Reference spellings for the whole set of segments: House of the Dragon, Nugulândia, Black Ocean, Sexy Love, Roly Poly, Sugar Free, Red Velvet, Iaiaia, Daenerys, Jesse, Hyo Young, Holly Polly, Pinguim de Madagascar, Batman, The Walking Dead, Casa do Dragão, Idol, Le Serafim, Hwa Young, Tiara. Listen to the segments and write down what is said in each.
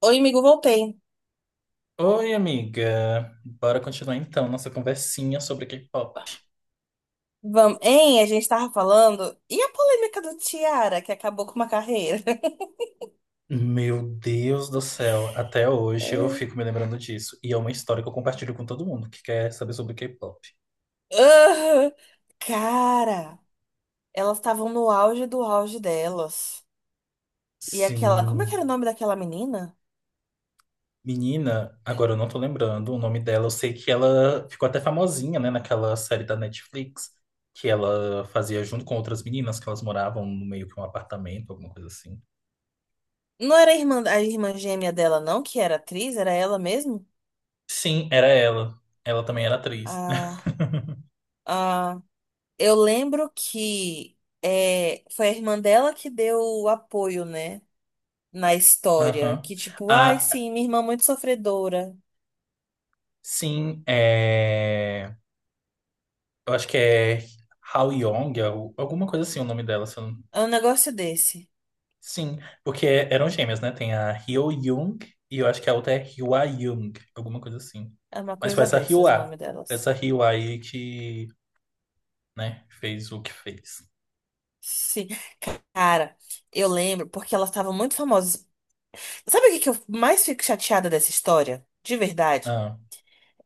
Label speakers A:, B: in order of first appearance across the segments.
A: Oi, amigo, voltei.
B: Oi, amiga. Bora continuar então nossa conversinha sobre K-pop.
A: Vamos, hein? A gente tava falando. E a polêmica do Tiara, que acabou com uma carreira?
B: Meu Deus do céu, até hoje eu
A: É.
B: fico me lembrando disso. E é uma história que eu compartilho com todo mundo que quer saber sobre K-pop.
A: Ah, cara, elas estavam no auge do auge delas. E aquela. Como é que
B: Sim.
A: era o nome daquela menina?
B: Menina, agora eu não tô lembrando o nome dela. Eu sei que ela ficou até famosinha, né, naquela série da Netflix que ela fazia junto com outras meninas que elas moravam no meio que um apartamento, alguma coisa assim.
A: Não era a irmã gêmea dela, não, que era atriz, era ela mesmo?
B: Sim, era ela. Ela também era atriz.
A: Ah, ah, eu lembro foi a irmã dela que deu o apoio, né? Na história.
B: Aham.
A: Que tipo, ai,
B: A.
A: sim, minha irmã é muito sofredora.
B: Sim, é... eu acho que é Hao Yong, alguma coisa assim o nome dela. Se eu não-
A: É um negócio desse.
B: Sim, porque é, eram gêmeas, né? Tem a Hyo Young e eu acho que a outra é Hwa Young, alguma coisa assim.
A: É uma
B: Mas foi
A: coisa dessas, o nome delas.
B: Essa Hwa aí que, né, fez o que fez.
A: Sim. Cara, eu lembro porque elas estavam muito famosas. Sabe o que que eu mais fico chateada dessa história? De verdade?
B: Ah,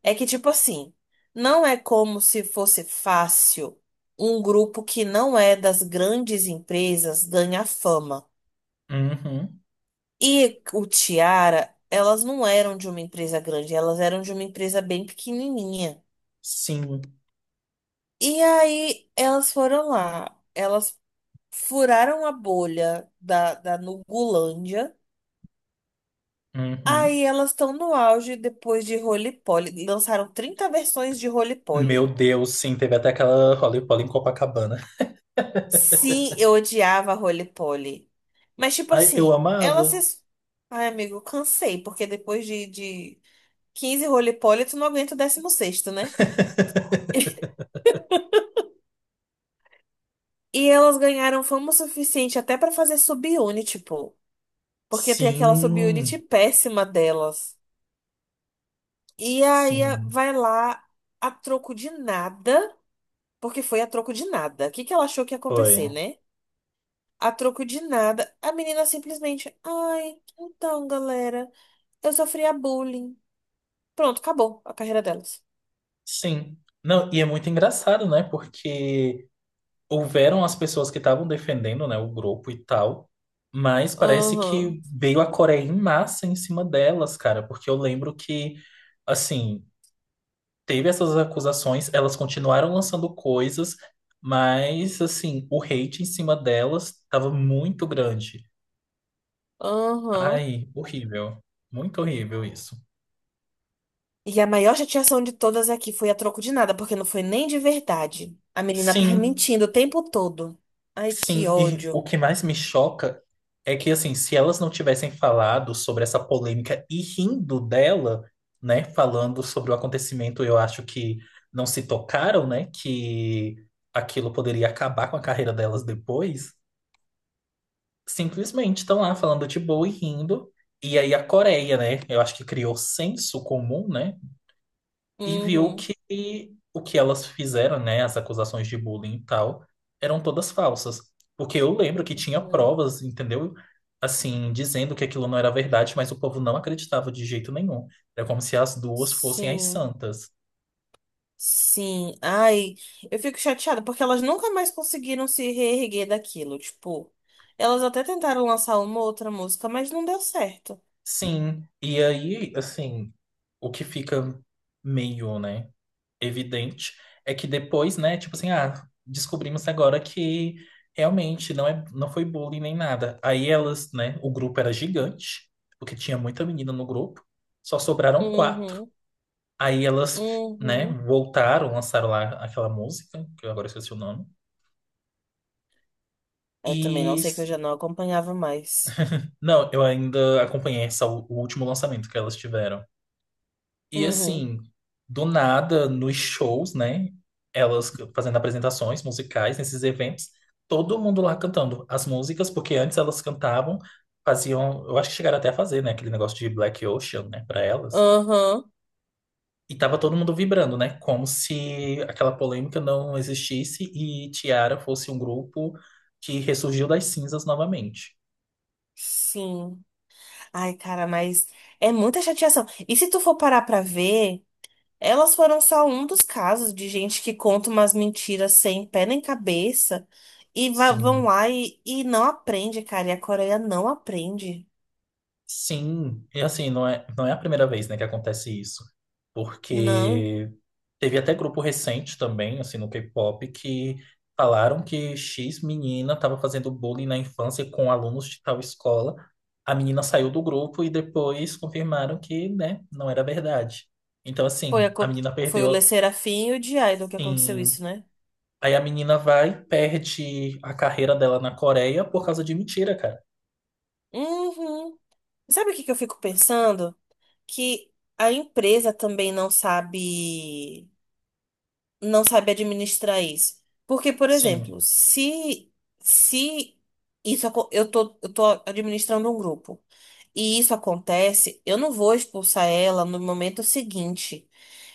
A: É que, tipo assim, não é como se fosse fácil um grupo que não é das grandes empresas ganhar fama.
B: uhum,
A: E o Tiara, elas não eram de uma empresa grande, elas eram de uma empresa bem pequenininha.
B: sim,
A: E aí elas foram lá. Elas furaram a bolha da Nugulândia.
B: uhum.
A: Aí elas estão no auge depois de Roly Poly. Lançaram 30 versões de Roly
B: Meu
A: Poly.
B: Deus, sim, teve até aquela Holly Polly em Copacabana.
A: Sim, eu odiava Roly Poly. Mas, tipo
B: Ai, eu
A: assim, elas
B: amava.
A: se. Ai, amigo, cansei, porque depois de 15 Roly Poly, tu não aguenta o 16º, né? E elas ganharam fama o suficiente até pra fazer subunit, pô. Porque tem aquela subunit
B: Sim,
A: péssima delas. E aí
B: sim,
A: vai lá a troco de nada. Porque foi a troco de nada. O que que ela achou que ia acontecer,
B: foi.
A: né? A troco de nada, a menina simplesmente, ai, então, galera, eu sofria bullying. Pronto, acabou a carreira delas.
B: Sim. Não, e é muito engraçado, né? Porque houveram as pessoas que estavam defendendo, né, o grupo e tal, mas parece
A: Aham,
B: que veio a Coreia em massa em cima delas, cara, porque eu lembro que, assim, teve essas acusações, elas continuaram lançando coisas, mas, assim, o hate em cima delas estava muito grande.
A: aham.
B: Ai, horrível. Muito horrível isso.
A: E a maior chateação de todas aqui foi a troco de nada, porque não foi nem de verdade. A menina tava
B: Sim.
A: mentindo o tempo todo. Ai, que
B: Sim, e o
A: ódio.
B: que mais me choca é que, assim, se elas não tivessem falado sobre essa polêmica e rindo dela, né, falando sobre o acontecimento, eu acho que não se tocaram, né, que aquilo poderia acabar com a carreira delas depois. Simplesmente estão lá falando de boa e rindo. E aí a Coreia, né, eu acho que criou senso comum, né, e viu
A: Uhum,
B: que o que elas fizeram, né, as acusações de bullying e tal, eram todas falsas. Porque eu lembro que tinha
A: uhum.
B: provas, entendeu? Assim, dizendo que aquilo não era verdade, mas o povo não acreditava de jeito nenhum. Era como se as duas fossem as
A: Sim.
B: santas.
A: Sim, ai, eu fico chateada porque elas nunca mais conseguiram se reerguer daquilo. Tipo, elas até tentaram lançar uma outra música, mas não deu certo.
B: Sim, e aí, assim, o que fica meio, né, evidente é que depois, né, tipo assim, ah, descobrimos agora que realmente não é, não foi bullying nem nada. Aí elas, né, o grupo era gigante, porque tinha muita menina no grupo, só sobraram quatro.
A: Uhum,
B: Aí elas, né,
A: uhum.
B: voltaram, lançaram lá aquela música, que eu agora esqueci o nome.
A: Eu também não
B: E
A: sei que eu já não acompanhava mais.
B: não, eu ainda acompanhei essa, o último lançamento que elas tiveram. E
A: Uhum,
B: assim, do nada, nos shows, né? Elas fazendo apresentações musicais nesses eventos, todo mundo lá cantando as músicas, porque antes elas cantavam, faziam, eu acho que chegaram até a fazer, né, aquele negócio de Black Ocean, né, para elas.
A: uhum,
B: E tava todo mundo vibrando, né, como se aquela polêmica não existisse e Tiara fosse um grupo que ressurgiu das cinzas novamente.
A: sim. Ai, cara, mas é muita chateação. E se tu for parar pra ver. Elas foram só um dos casos de gente que conta umas mentiras sem pé nem cabeça e vão
B: Sim.
A: lá e não aprende, cara. E a Coreia não aprende.
B: Sim, e assim, não é a primeira vez, né, que acontece isso.
A: Não,
B: Porque teve até grupo recente também, assim, no K-pop, que falaram que X menina estava fazendo bullying na infância com alunos de tal escola. A menina saiu do grupo e depois confirmaram que, né, não era verdade. Então,
A: foi, a,
B: assim, a
A: co-
B: menina
A: foi o Le
B: perdeu,
A: Serafim e o de Idol que aconteceu
B: sim.
A: isso, né?
B: Aí a menina vai, e perde a carreira dela na Coreia por causa de mentira, cara.
A: Uhum. Sabe o que que eu fico pensando? Que a empresa também não sabe administrar isso. Porque, por
B: Sim.
A: exemplo, se eu tô administrando um grupo. E isso acontece, eu não vou expulsar ela no momento seguinte.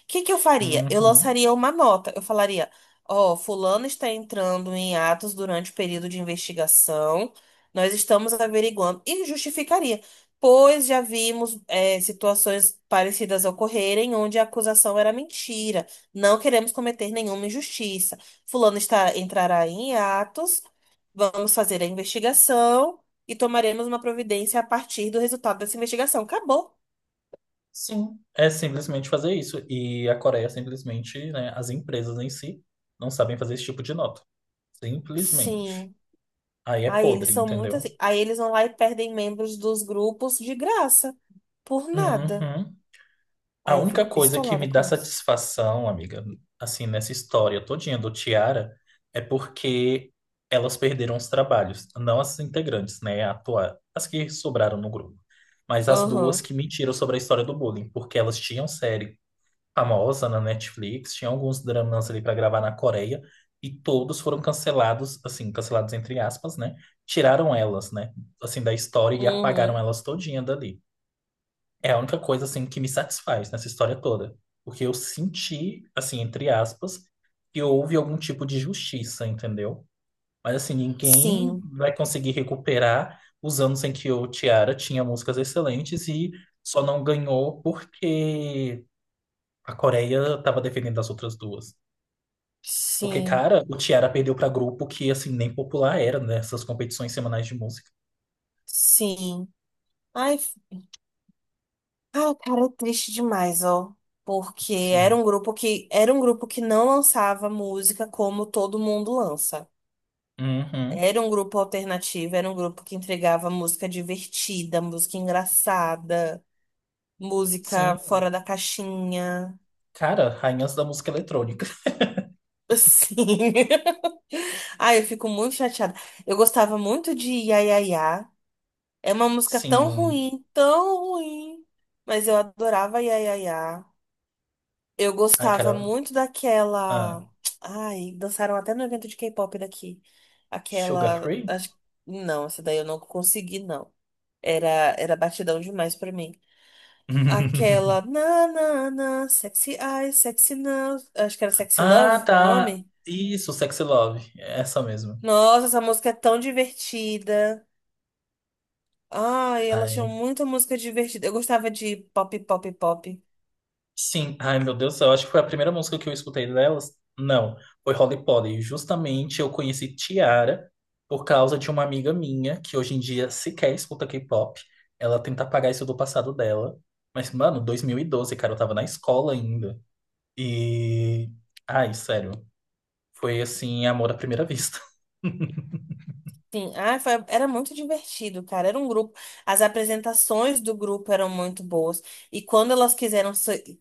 A: O que que eu faria? Eu
B: Uhum.
A: lançaria uma nota. Eu falaria: Ó, fulano está entrando em atos durante o período de investigação. Nós estamos averiguando. E justificaria, pois já vimos situações parecidas ocorrerem onde a acusação era mentira. Não queremos cometer nenhuma injustiça. Entrará em atos. Vamos fazer a investigação e tomaremos uma providência a partir do resultado dessa investigação. Acabou.
B: Sim, é simplesmente fazer isso. E a Coreia simplesmente, né, as empresas em si não sabem fazer esse tipo de nota. Simplesmente.
A: Sim.
B: Aí é
A: Aí eles
B: podre,
A: são muito assim.
B: entendeu?
A: Aí eles vão lá e perdem membros dos grupos de graça. Por nada.
B: Uhum. A
A: Aí eu
B: única
A: fico
B: coisa que
A: pistolada
B: me dá
A: com isso.
B: satisfação, amiga, assim, nessa história todinha do Tiara, é porque elas perderam os trabalhos. Não as integrantes, né, atuar, as que sobraram no grupo. Mas as duas
A: Aham.
B: que mentiram sobre a história do bullying, porque elas tinham série famosa na Netflix, tinha alguns dramas ali para gravar na Coreia e todos foram cancelados, assim, cancelados entre aspas, né? Tiraram elas, né, assim da história e apagaram
A: Uhum.
B: elas todinha dali. É a única coisa assim que me satisfaz nessa história toda, porque eu senti, assim, entre aspas, que houve algum tipo de justiça, entendeu? Mas assim, ninguém
A: Sim.
B: vai conseguir recuperar os anos em que o Tiara tinha músicas excelentes e só não ganhou porque a Coreia tava defendendo as outras duas. Porque,
A: Sim.
B: cara, o Tiara perdeu pra grupo que, assim, nem popular era, nessas competições semanais de música.
A: Sim. Ai, f- ai, cara, é triste demais, ó. Porque era
B: Sim.
A: um grupo que era um grupo que não lançava música como todo mundo lança.
B: Uhum.
A: Era um grupo alternativo, era um grupo que entregava música divertida, música engraçada,
B: Sim.
A: música fora da caixinha.
B: Cara, rainhas da música eletrônica.
A: Sim. Ai, eu fico muito chateada. Eu gostava muito de Iaiaia. É uma música tão
B: Sim.
A: ruim, tão ruim. Mas eu adorava Iaiaia. Eu
B: Ai,
A: gostava
B: cara.
A: muito
B: Ah,
A: daquela. Ai, dançaram até no evento de K-pop daqui.
B: Sugar
A: Aquela.
B: Free?
A: Não, essa daí eu não consegui, não. Era, era batidão demais pra mim. Aquela. Sexy eyes, sexy now. Acho que era Sexy
B: Ah,
A: Love o
B: tá.
A: nome.
B: Isso, Sexy Love. Essa mesmo.
A: Nossa, essa música é tão divertida. Ai, elas tinham
B: Ai,
A: muita música divertida. Eu gostava de pop, pop, pop.
B: sim, ai meu Deus do céu, acho que foi a primeira música que eu escutei delas. Não, foi Holly Polly. Justamente eu conheci Tiara por causa de uma amiga minha que hoje em dia sequer escuta K-pop. Ela tenta apagar isso do passado dela. Mas, mano, 2012, cara, eu tava na escola ainda. E. Ai, sério. Foi assim, amor à primeira vista.
A: Sim, era muito divertido, cara. Era um grupo. As apresentações do grupo eram muito boas. E quando elas quiseram.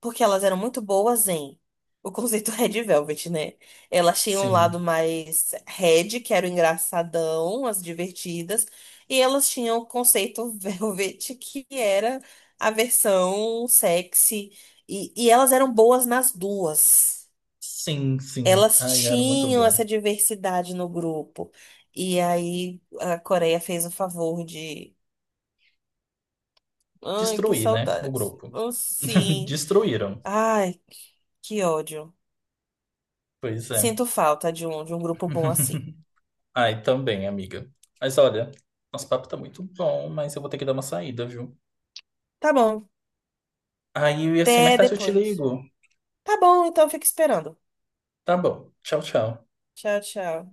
A: Porque elas eram muito boas em. O conceito Red Velvet, né? Elas tinham um lado
B: Sim,
A: mais Red, que era o engraçadão, as divertidas. E elas tinham o conceito Velvet, que era a versão sexy. E elas eram boas nas duas.
B: sim, sim.
A: Elas
B: Ai, era muito
A: tinham
B: bom.
A: essa diversidade no grupo. E aí a Coreia fez o favor de. Ai, que
B: Destruir, né? O
A: saudades.
B: grupo.
A: Oh, sim.
B: Destruíram.
A: Ai, que ódio.
B: Pois é.
A: Sinto falta de um grupo bom assim.
B: Ai, também, amiga. Mas olha, nosso papo tá muito bom, mas eu vou ter que dar uma saída, viu?
A: Tá bom.
B: Aí, assim, mais
A: Até
B: tarde eu te
A: depois.
B: ligo.
A: Tá bom, então fica esperando.
B: Tá bom. Tchau, tchau.
A: Tchau, tchau.